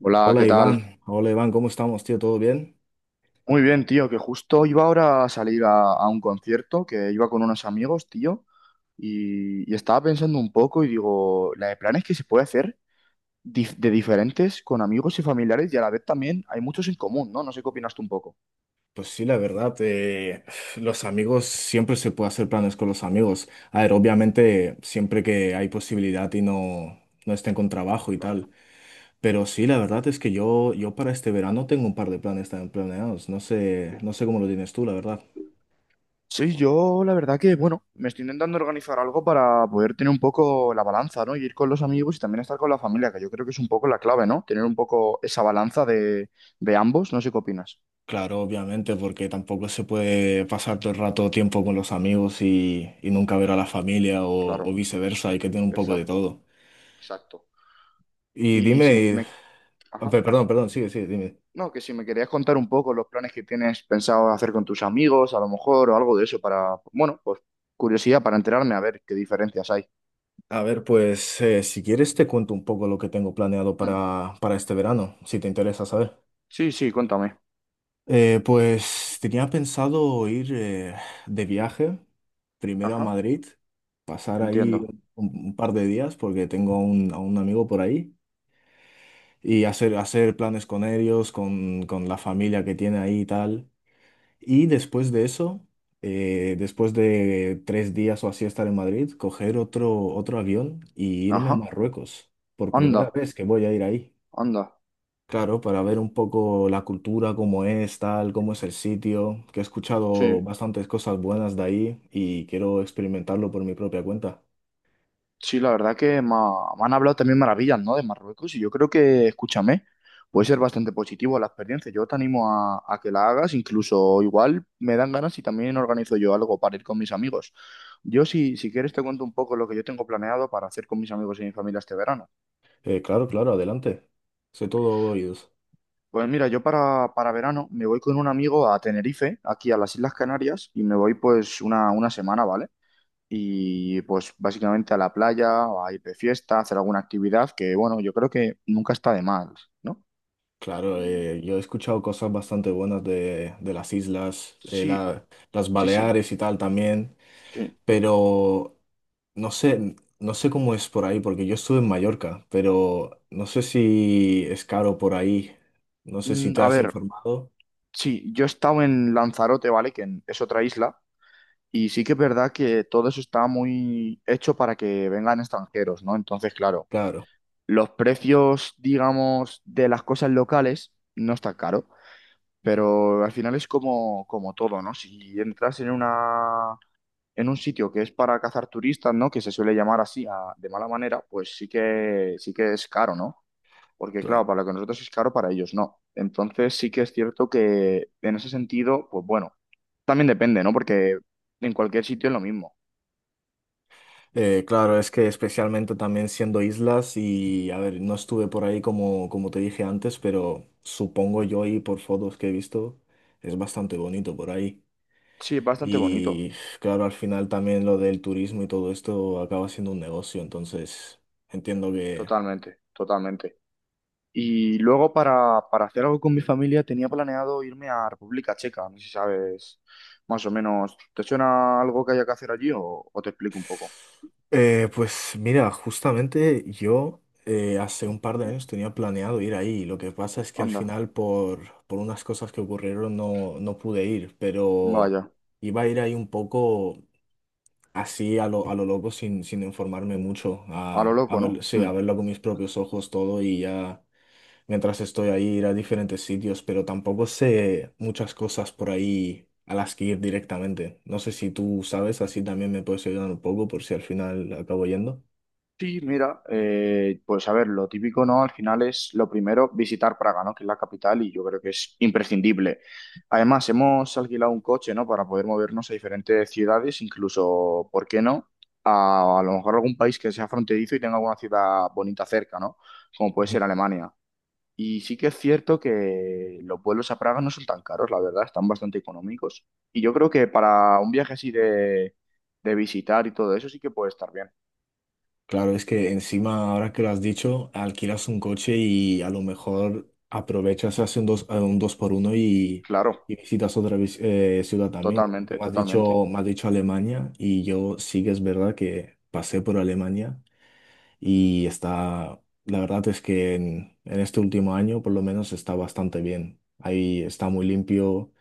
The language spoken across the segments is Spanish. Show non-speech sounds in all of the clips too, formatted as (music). Hola, ¿qué Hola tal? Iván, ¿cómo estamos, tío? ¿Todo bien? Muy bien, tío, que justo iba ahora a salir a un concierto, que iba con unos amigos, tío, y estaba pensando un poco y digo, la de planes que se puede hacer de diferentes con amigos y familiares y a la vez también hay muchos en común, ¿no? No sé qué opinas tú un poco. Pues sí, la verdad, los amigos, siempre se puede hacer planes con los amigos. A ver, obviamente, siempre que hay posibilidad y no estén con trabajo y Claro, tal. Pero sí, la verdad es que yo para este verano tengo un par de planes también planeados. Sí. No sé cómo lo tienes tú, la verdad. Sí, yo la verdad que, bueno, me estoy intentando organizar algo para poder tener un poco la balanza, ¿no? Y ir con los amigos y también estar con la familia, que yo creo que es un poco la clave, ¿no? Tener un poco esa balanza de ambos, no sé qué opinas. Claro, obviamente, porque tampoco se puede pasar todo el rato tiempo con los amigos y nunca ver a la familia Claro, o viceversa, hay que tener un poco de exacto. todo. Exacto. Y Y si dime. me... Ajá. Perdón, sigue, dime. No, que si me querías contar un poco los planes que tienes pensado hacer con tus amigos, a lo mejor, o algo de eso, para, bueno, pues curiosidad para enterarme a ver qué diferencias hay. A ver, pues si quieres te cuento un poco lo que tengo planeado Hmm. Para este verano, si te interesa saber. Sí, sí, cuéntame. Pues tenía pensado ir de viaje, primero a Ajá, Madrid, pasar ahí entiendo. Un par de días porque tengo a a un amigo por ahí y hacer planes con ellos, con la familia que tiene ahí y tal. Y después de eso, después de 3 días o así estar en Madrid, coger otro avión y irme a Ajá, Marruecos. Por anda, primera vez que voy a ir ahí. anda. Claro, para ver un poco la cultura, cómo es, tal, cómo es el sitio, que he escuchado Sí. bastantes cosas buenas de ahí y quiero experimentarlo por mi propia cuenta. Sí, la verdad que me han hablado también maravillas, ¿no? De Marruecos y yo creo que, escúchame, puede ser bastante positivo la experiencia. Yo te animo a que la hagas, incluso igual me dan ganas y también organizo yo algo para ir con mis amigos. Yo si quieres te cuento un poco lo que yo tengo planeado para hacer con mis amigos y mi familia este verano. Claro, claro, adelante. Soy todo oídos. Pues mira, yo para verano me voy con un amigo a Tenerife, aquí a las Islas Canarias, y me voy pues una semana, ¿vale? Y pues básicamente a la playa, o a ir de fiesta, a hacer alguna actividad que, bueno, yo creo que nunca está de mal, ¿no? Claro, Mm. Yo he escuchado cosas bastante buenas de las islas, Sí, las sí, sí, Baleares y tal también. sí. Pero no sé, no sé cómo es por ahí, porque yo estuve en Mallorca, pero no sé si es caro por ahí. No sé si Mm, te a has ver, informado. sí, yo he estado en Lanzarote, ¿vale? Es otra isla, y sí que es verdad que todo eso está muy hecho para que vengan extranjeros, ¿no? Entonces, claro, Claro, los precios, digamos, de las cosas locales no está caro. Pero al final es como, como todo, ¿no? Si entras en una En un sitio que es para cazar turistas, ¿no? Que se suele llamar así de mala manera, pues sí que es caro, ¿no? Porque claro. claro, para lo que nosotros es caro, para ellos no. Entonces sí que es cierto que en ese sentido, pues bueno, también depende, ¿no? Porque en cualquier sitio es lo mismo. Claro, es que especialmente también siendo islas y, a ver, no estuve por ahí como, como te dije antes, pero supongo yo y por fotos que he visto, es bastante bonito por ahí. Sí, es bastante bonito, Y claro, al final también lo del turismo y todo esto acaba siendo un negocio, entonces entiendo que... totalmente, totalmente. Y luego para hacer algo con mi familia tenía planeado irme a República Checa, no sé si sabes más o menos. ¿Te suena algo que haya que hacer allí o te explico un poco? Pues mira, justamente yo hace un par de Ujú. años tenía planeado ir ahí. Lo que pasa es que al Anda, final por unas cosas que ocurrieron no pude ir, pero vaya. iba a ir ahí un poco así a a lo loco sin informarme mucho, A lo loco, ¿no? sí, Mm. a verlo con mis propios ojos todo y ya mientras estoy ahí ir a diferentes sitios, pero tampoco sé muchas cosas por ahí a las que ir directamente. No sé si tú sabes, así también me puedes ayudar un poco por si al final acabo yendo. Sí, mira, pues a ver, lo típico, ¿no? Al final es lo primero visitar Praga, ¿no? Que es la capital y yo creo que es imprescindible. Además, hemos alquilado un coche, ¿no? Para poder movernos a diferentes ciudades, incluso, ¿por qué no? A lo mejor algún país que sea fronterizo y tenga alguna ciudad bonita cerca, ¿no? Como puede Ujú. ser Alemania. Y sí que es cierto que los vuelos a Praga no son tan caros, la verdad, están bastante económicos. Y yo creo que para un viaje así de visitar y todo eso sí que puede estar bien. Claro, es que encima, ahora que lo has dicho, alquilas un coche y a lo mejor aprovechas, haces un dos por uno y Claro, ciudad también. Tú totalmente, me has totalmente. dicho, me has dicho Alemania y yo sí que es verdad que pasé por Alemania y está, la verdad es que en este último año por lo menos está bastante bien. Ahí está muy limpio,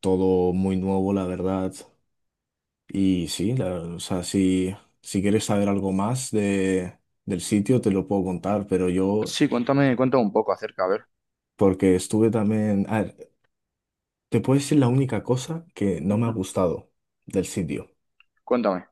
todo muy nuevo, la verdad. Y sí, o sea, si quieres saber algo más del sitio, te lo puedo contar, pero yo, Sí, cuéntame, cuéntame un poco acerca, a ver. porque estuve también... A ver, te puedo decir la única cosa que no me ha Ujú. gustado del sitio. Cuéntame.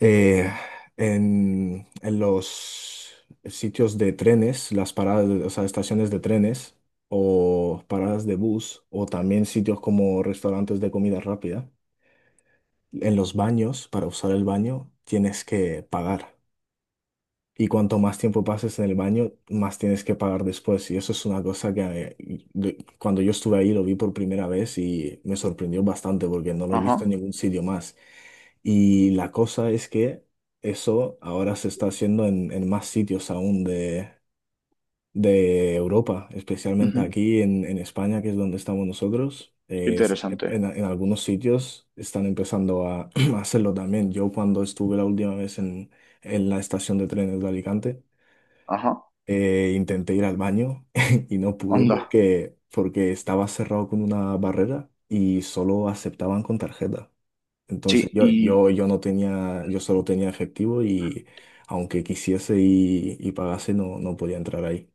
Eh, en los sitios de trenes, las paradas, o sea, estaciones de trenes o paradas de bus, o también sitios como restaurantes de comida rápida, en los baños, para usar el baño, tienes que pagar. Y cuanto más tiempo pases en el baño, más tienes que pagar después. Y eso es una cosa que cuando yo estuve ahí lo vi por primera vez y me sorprendió bastante porque no lo he visto en Ajá. ningún sitio más. Y la cosa es que eso ahora se está haciendo en más sitios aún de Europa, especialmente Ujú. aquí en España, que es donde estamos nosotros. Qué interesante. En algunos sitios están empezando a, (clears throat) a hacerlo también. Yo cuando estuve la última vez en la estación de trenes de Alicante, Ajá. Intenté ir al baño (laughs) y no pude Onda. Porque estaba cerrado con una barrera y solo aceptaban con tarjeta. Entonces Sí, y yo no tenía, yo solo tenía efectivo y aunque quisiese y pagase, no podía entrar ahí.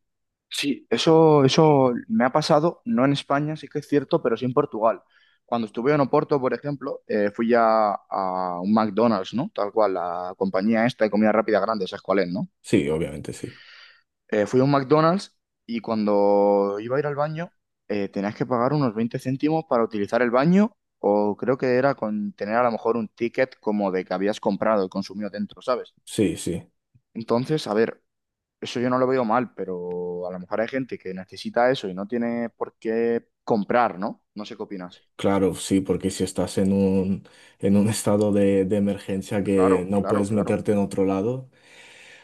sí, eso me ha pasado, no en España, sí que es cierto, pero sí en Portugal. Cuando estuve en Oporto, por ejemplo, fui ya a un McDonald's, ¿no? Tal cual, la compañía esta de comida rápida grande, ¿sabes cuál es, no? Sí, obviamente sí. Fui a un McDonald's y cuando iba a ir al baño, tenías que pagar unos 20 céntimos para utilizar el baño, o creo que era con tener a lo mejor un ticket como de que habías comprado y consumido dentro, ¿sabes? Sí, sí. Entonces, a ver, eso yo no lo veo mal, pero a lo mejor hay gente que necesita eso y no tiene por qué comprar, ¿no? No sé qué opinas. Claro, sí, porque si estás en en un (laughs) estado de emergencia que Claro, no claro, puedes claro, meterte en otro lado.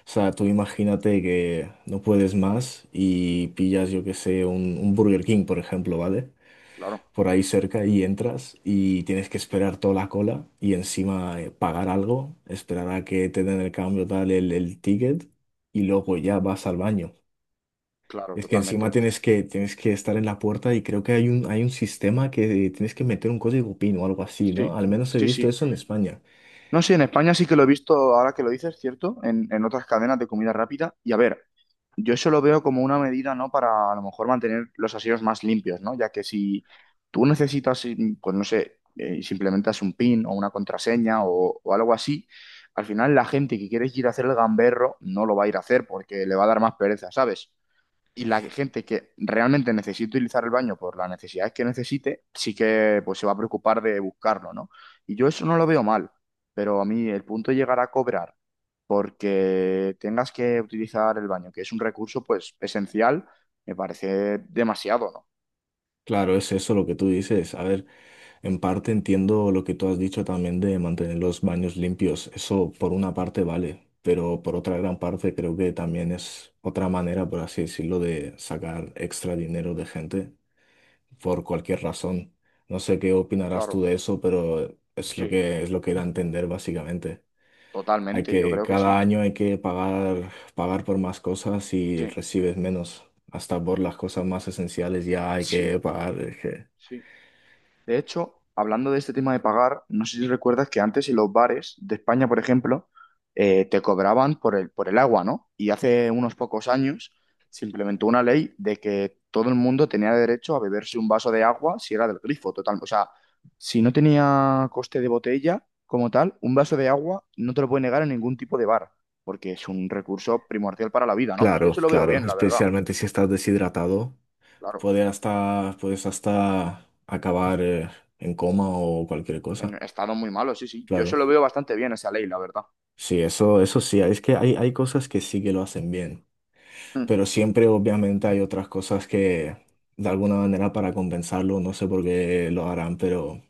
O sea, tú imagínate que no puedes más y pillas, yo que sé, un Burger King, por ejemplo, ¿vale? claro, Por ahí cerca y entras y tienes que esperar toda la cola y encima pagar algo, esperar a que te den el cambio, tal, el ticket y luego ya vas al baño. claro, Es que encima totalmente. tienes tienes que estar en la puerta y creo que hay hay un sistema que tienes que meter un código PIN o algo así, ¿no? Sí, Al menos he sí, visto sí. eso en España. No sé, en España sí que lo he visto, ahora que lo dices, ¿cierto? En otras cadenas de comida rápida. Y a ver, yo eso lo veo como una medida, ¿no? Para a lo mejor mantener los aseos más limpios, ¿no? Ya que si tú necesitas, mm, pues no sé, si implementas un PIN o una contraseña o algo así, al final la gente que quiere ir a hacer el gamberro no lo va a ir a hacer porque le va a dar más pereza, ¿sabes? Y la gente que realmente necesite utilizar el baño por las necesidades que necesite, sí que pues se va a preocupar de buscarlo, ¿no? Y yo eso no lo veo mal, pero a mí el punto de llegar a cobrar porque tengas que utilizar el baño, que es un recurso pues esencial, me parece demasiado, ¿no? Claro, es eso lo que tú dices. A ver. En parte entiendo lo que tú has dicho también de mantener los baños limpios. Eso por una parte vale, pero por otra gran parte creo que también es otra manera, por así decirlo, de sacar extra dinero de gente por cualquier razón. No sé qué opinarás Claro, tú de eso, pero sí, es lo que era entender básicamente. Hay totalmente, yo que creo que cada sí. año hay que pagar por más cosas y Sí, recibes menos. Hasta por las cosas más esenciales ya hay que sí, pagar. sí. De hecho, hablando de este tema de pagar, no sé si recuerdas que antes en los bares de España, por ejemplo, te cobraban por el agua, ¿no? Y hace unos pocos años se implementó una ley de que todo el mundo tenía derecho a beberse un vaso de agua si era del grifo, total. O sea, si no tenía coste de botella como tal, un vaso de agua no te lo puede negar en ningún tipo de bar, porque es un recurso primordial para la vida, ¿no? Y yo Claro, se lo veo claro, bien, la verdad. especialmente si estás deshidratado, Claro, puede hasta, puedes hasta acabar en coma o cualquier en cosa. estado muy malo, sí, sí. Yo se Claro, lo veo bastante bien esa ley, la verdad. sí, eso sí, es que hay cosas que sí que lo hacen bien, pero siempre obviamente hay otras cosas que de alguna manera para compensarlo, no sé por qué lo harán, pero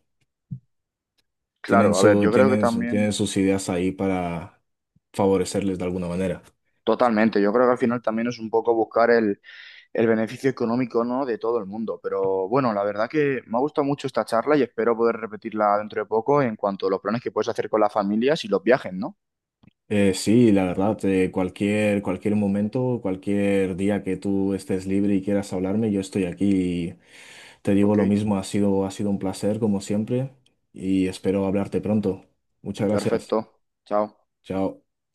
tienen Claro, a ver, su, yo creo que tienen también, sus ideas ahí para favorecerles de alguna manera. totalmente, yo creo que al final también es un poco buscar el beneficio económico, ¿no? De todo el mundo. Pero bueno, la verdad que me ha gustado mucho esta charla y espero poder repetirla dentro de poco en cuanto a los planes que puedes hacer con las familias y los viajes, ¿no? Sí, la verdad, cualquier, cualquier momento, cualquier día que tú estés libre y quieras hablarme, yo estoy aquí. Y te digo Ok, lo mismo, ha sido un placer como siempre y espero hablarte pronto. Muchas gracias. perfecto. Chao. Chao.